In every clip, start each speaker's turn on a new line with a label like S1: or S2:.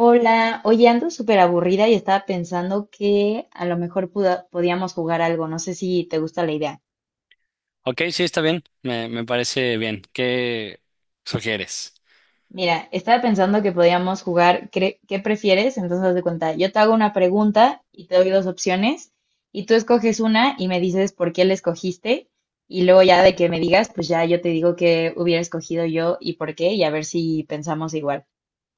S1: Hola, oye, ando súper aburrida y estaba pensando que a lo mejor podíamos jugar algo, no sé si te gusta la idea.
S2: Ok, sí, está bien. Me parece bien. ¿Qué sugieres?
S1: Mira, estaba pensando que podíamos ¿qué prefieres? Entonces, haz de cuenta, yo te hago una pregunta y te doy dos opciones y tú escoges una y me dices por qué la escogiste y luego ya de que me digas, pues ya yo te digo qué hubiera escogido yo y por qué y a ver si pensamos igual.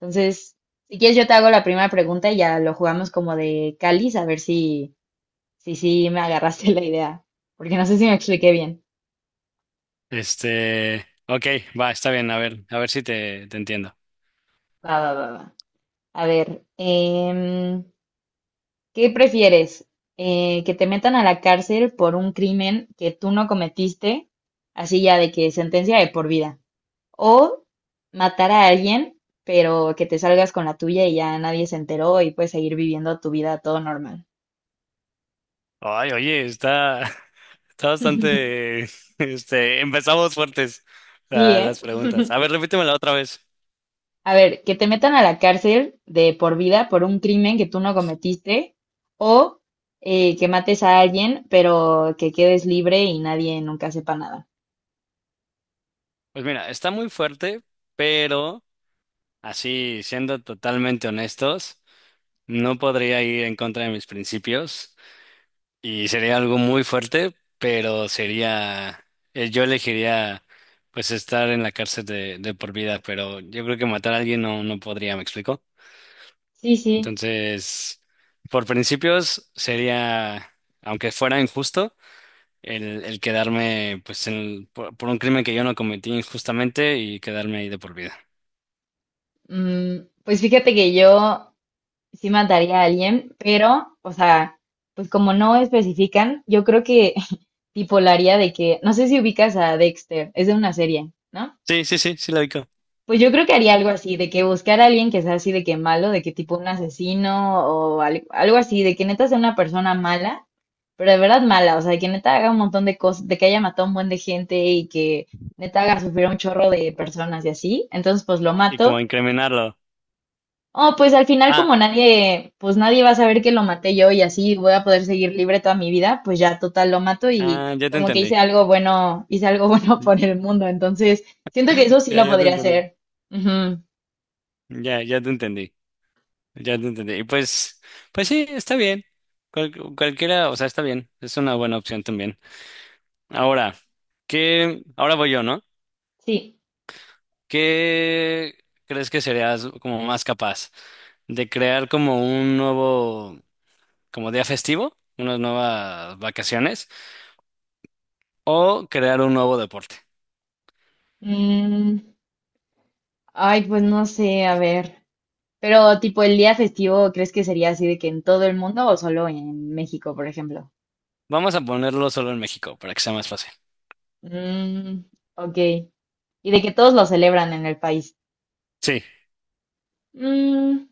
S1: Entonces, si quieres yo te hago la primera pregunta y ya lo jugamos como de cáliz, a ver si sí, sí, me agarraste la idea, porque no sé si me expliqué bien.
S2: Ok, va, está bien. A ver si te entiendo.
S1: Va, va, va, va. A ver, ¿qué prefieres? ¿Que te metan a la cárcel por un crimen que tú no cometiste, así ya de que sentencia de por vida? ¿O matar a alguien, pero que te salgas con la tuya y ya nadie se enteró y puedes seguir viviendo tu vida todo normal?
S2: Ay, oye, está, está bastante, empezamos fuertes
S1: Sí, ¿eh?
S2: las preguntas. A ver, repítemela otra vez.
S1: A ver, que te metan a la cárcel de por vida por un crimen que tú no cometiste o que mates a alguien, pero que quedes libre y nadie nunca sepa nada.
S2: Pues mira, está muy fuerte, pero así, siendo totalmente honestos, no podría ir en contra de mis principios. Y sería algo muy fuerte, pero sería, yo elegiría pues estar en la cárcel de por vida, pero yo creo que matar a alguien no, no podría, ¿me explico?
S1: Sí, sí.
S2: Entonces, por principios sería, aunque fuera injusto, el quedarme pues por un crimen que yo no cometí injustamente y quedarme ahí de por vida.
S1: Mm, pues fíjate que yo sí mataría a alguien, pero, o sea, pues como no especifican, yo creo que tipo la haría de que, no sé si ubicas a Dexter, es de una serie, ¿no?
S2: Sí, sí, sí, sí lo digo.
S1: Pues yo creo que haría algo así, de que buscar a alguien que sea así de que malo, de que tipo un asesino o algo así, de que neta sea una persona mala, pero de verdad mala, o sea, de que neta haga un montón de cosas, de que haya matado un buen de gente y que neta haga sufrir a un chorro de personas y así. Entonces, pues lo
S2: Y como
S1: mato.
S2: incriminarlo.
S1: Oh, pues al final
S2: Ah,
S1: como nadie, pues nadie va a saber que lo maté yo y así voy a poder seguir libre toda mi vida, pues ya total lo mato y
S2: ah, ya te
S1: como que hice
S2: entendí.
S1: algo bueno, hice algo bueno por el mundo. Entonces, siento que eso sí
S2: Ya,
S1: lo
S2: ya te
S1: podría
S2: entendí.
S1: hacer. Ujú.
S2: Ya, ya te entendí. Ya te entendí. Y pues, pues sí, está bien. Cualquiera, o sea, está bien. Es una buena opción también. Ahora, ¿qué? Ahora voy yo, ¿no?
S1: Sí.
S2: ¿Qué crees que serías como más capaz de crear como un nuevo, como día festivo, unas nuevas vacaciones o crear un nuevo deporte?
S1: Mm, ay, pues no sé, a ver. Pero tipo el día festivo, ¿crees que sería así de que en todo el mundo o solo en México, por ejemplo?
S2: Vamos a ponerlo solo en México para que sea más fácil.
S1: Mm, ok. Y de que todos lo celebran en el país.
S2: Sí.
S1: Mm,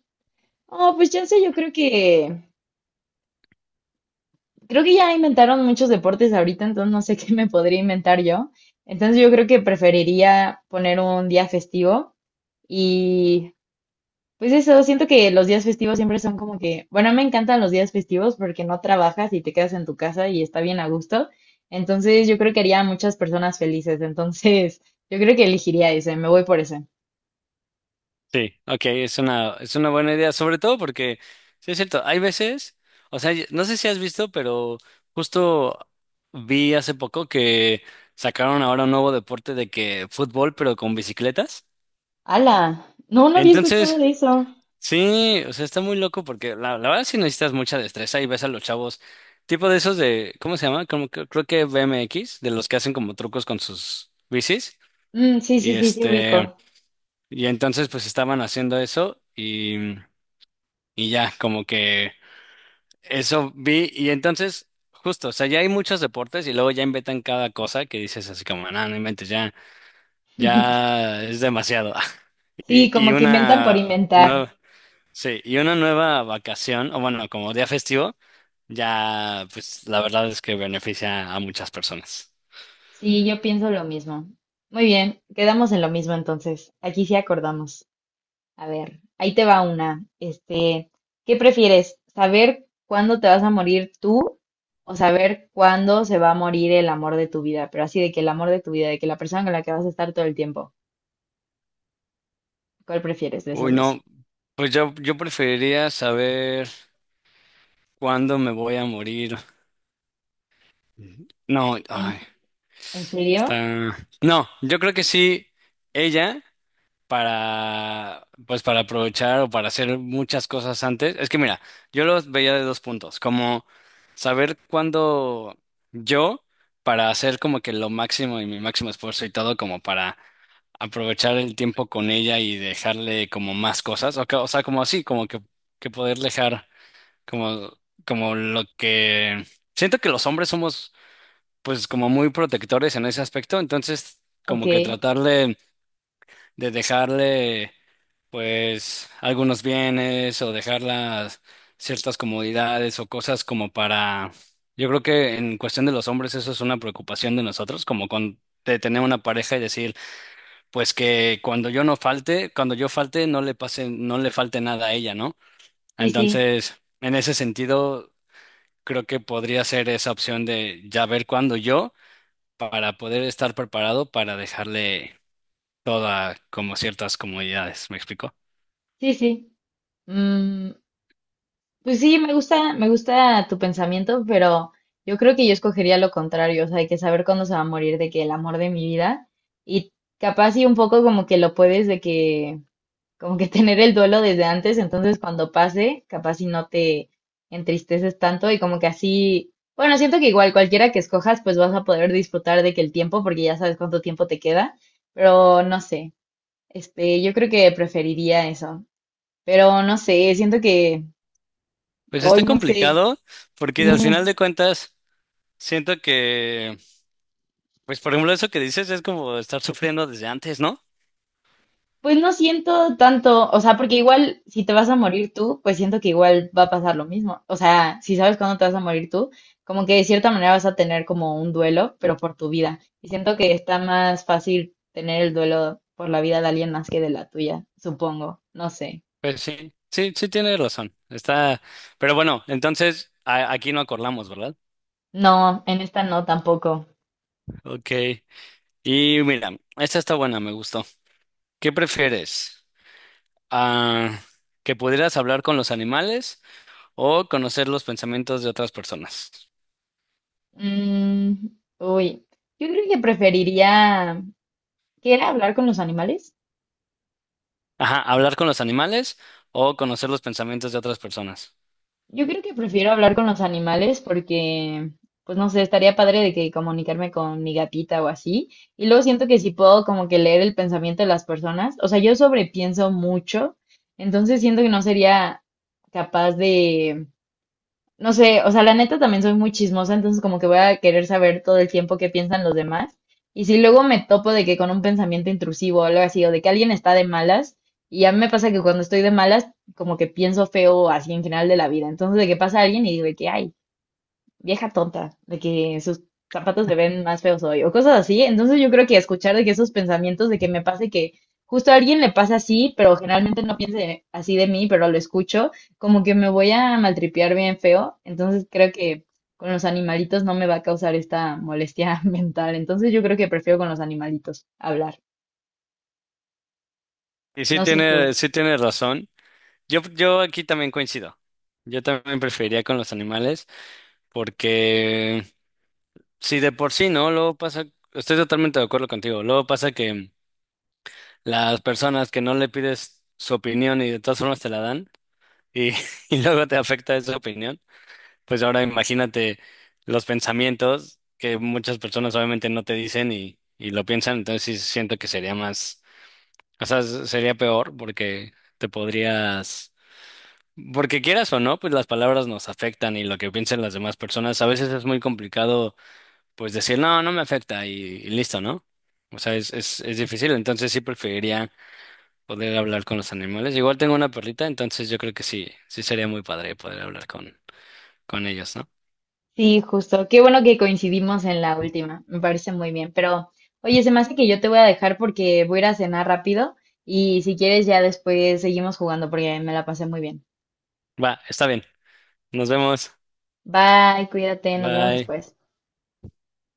S1: oh, pues ya sé, yo creo que ya inventaron muchos deportes ahorita, entonces no sé qué me podría inventar yo. Entonces yo creo que preferiría poner un día festivo y pues eso, siento que los días festivos siempre son como que, bueno, me encantan los días festivos porque no trabajas y te quedas en tu casa y está bien a gusto. Entonces, yo creo que haría a muchas personas felices. Entonces, yo creo que elegiría ese, me voy por ese.
S2: Sí, ok, es una buena idea, sobre todo porque, sí es cierto, hay veces, o sea, no sé si has visto, pero justo vi hace poco que sacaron ahora un nuevo deporte de que fútbol, pero con bicicletas.
S1: ¡Hala! No, no había escuchado
S2: Entonces,
S1: de eso.
S2: sí, o sea, está muy loco porque la verdad sí necesitas mucha destreza y ves a los chavos, tipo de esos de, ¿cómo se llama? Como, creo que BMX, de los que hacen como trucos con sus bicis.
S1: Mm, sí,
S2: Y
S1: sí, sí, sí, ubico.
S2: y entonces pues estaban haciendo eso y ya, como que eso vi. Y entonces, justo, o sea, ya hay muchos deportes y luego ya inventan cada cosa que dices así como, no, no inventes, ya, ya es demasiado. Y,
S1: Sí,
S2: y
S1: como que inventan por
S2: una,
S1: inventar.
S2: no, sí, y una nueva vacación, o bueno, como día festivo, ya, pues la verdad es que beneficia a muchas personas.
S1: Sí, yo pienso lo mismo. Muy bien, quedamos en lo mismo entonces. Aquí sí acordamos. A ver, ahí te va una. Este, ¿qué prefieres? ¿Saber cuándo te vas a morir tú o saber cuándo se va a morir el amor de tu vida? Pero así de que el amor de tu vida, de que la persona con la que vas a estar todo el tiempo. ¿Cuál prefieres de
S2: Uy,
S1: esos dos?
S2: no, pues yo preferiría saber cuándo me voy a morir. No,
S1: ¿En,
S2: ay,
S1: en serio?
S2: está. No, yo creo que sí, ella. Para, pues para aprovechar o para hacer muchas cosas antes. Es que mira, yo los veía de dos puntos, como saber cuándo yo, para hacer como que lo máximo y mi máximo esfuerzo y todo, como para aprovechar el tiempo con ella y dejarle como más cosas, o, o sea, como así, como que poder dejar como, como lo que... Siento que los hombres somos pues como muy protectores en ese aspecto, entonces
S1: Ok.
S2: como que tratarle de dejarle pues algunos bienes o dejarlas ciertas comodidades o cosas como para... Yo creo que en cuestión de los hombres eso es una preocupación de nosotros, como con de tener una pareja y decir, pues que cuando yo no falte, cuando yo falte no le pase, no le falte nada a ella, ¿no?
S1: Sí, sí.
S2: Entonces, en ese sentido, creo que podría ser esa opción de ya ver cuándo yo para poder estar preparado para dejarle toda como ciertas comodidades, ¿me explico?
S1: Sí, sí. Mm, pues sí, me gusta tu pensamiento, pero yo creo que yo escogería lo contrario, o sea, hay que saber cuándo se va a morir de que el amor de mi vida y capaz y un poco como que lo puedes de que como que tener el duelo desde antes, entonces cuando pase, capaz si no te entristeces tanto y como que así, bueno, siento que igual cualquiera que escojas, pues vas a poder disfrutar de que el tiempo, porque ya sabes cuánto tiempo te queda, pero no sé, yo creo que preferiría eso, pero no sé, siento que
S2: Pues está
S1: hoy no sé,
S2: complicado porque al
S1: sí.
S2: final de cuentas siento que, pues por ejemplo eso que dices es como estar sufriendo desde antes, ¿no?
S1: Pues no siento tanto, o sea, porque igual si te vas a morir tú, pues siento que igual va a pasar lo mismo. O sea, si sabes cuándo te vas a morir tú, como que de cierta manera vas a tener como un duelo, pero por tu vida. Y siento que está más fácil tener el duelo por la vida de alguien más que de la tuya, supongo. No sé.
S2: Pues sí, sí, sí tienes razón. Está, pero bueno, entonces aquí no acordamos, ¿verdad?
S1: No, en esta no tampoco.
S2: Ok. Y mira, esta está buena, me gustó. ¿Qué prefieres? Ah, ¿que pudieras hablar con los animales o conocer los pensamientos de otras personas?
S1: Mm, uy, yo creo que preferiría, ¿qué era hablar con los animales?
S2: Ajá, hablar con los animales o conocer los pensamientos de otras personas.
S1: Yo creo que prefiero hablar con los animales porque, pues no sé, estaría padre de que comunicarme con mi gatita o así. Y luego siento que si puedo como que leer el pensamiento de las personas, o sea, yo sobrepienso mucho, entonces siento que no sería capaz de no sé, o sea, la neta también soy muy chismosa, entonces como que voy a querer saber todo el tiempo qué piensan los demás. Y si luego me topo de que con un pensamiento intrusivo o algo así, o de que alguien está de malas, y a mí me pasa que cuando estoy de malas, como que pienso feo así en general de la vida. Entonces de que pasa alguien y digo de que, ay, vieja tonta, de que sus zapatos le ven más feos hoy, o cosas así. Entonces yo creo que escuchar de que esos pensamientos de que me pase que justo a alguien le pasa así, pero generalmente no piense así de mí, pero lo escucho, como que me voy a maltripear bien feo. Entonces creo que con los animalitos no me va a causar esta molestia mental. Entonces yo creo que prefiero con los animalitos hablar.
S2: Y
S1: No sé tú.
S2: sí tiene razón. Yo aquí también coincido. Yo también preferiría con los animales porque si de por sí, ¿no? Luego pasa, estoy totalmente de acuerdo contigo. Luego pasa que las personas que no le pides su opinión y de todas formas te la dan y, y luego te afecta esa opinión. Pues ahora imagínate los pensamientos que muchas personas obviamente no te dicen y lo piensan, entonces sí siento que sería más, o sea, sería peor porque te podrías, porque quieras o no, pues las palabras nos afectan y lo que piensen las demás personas, a veces es muy complicado pues decir, no, no me afecta y listo, ¿no? O sea, es difícil, entonces sí preferiría poder hablar con los animales. Igual tengo una perrita, entonces yo creo que sí, sí sería muy padre poder hablar con ellos, ¿no?
S1: Sí, justo. Qué bueno que coincidimos en la última. Me parece muy bien. Pero, oye, se me hace que yo te voy a dejar porque voy a ir a cenar rápido y si quieres ya después seguimos jugando porque me la pasé muy bien.
S2: Va, está bien. Nos vemos.
S1: Bye, cuídate, nos vemos
S2: Bye.
S1: después.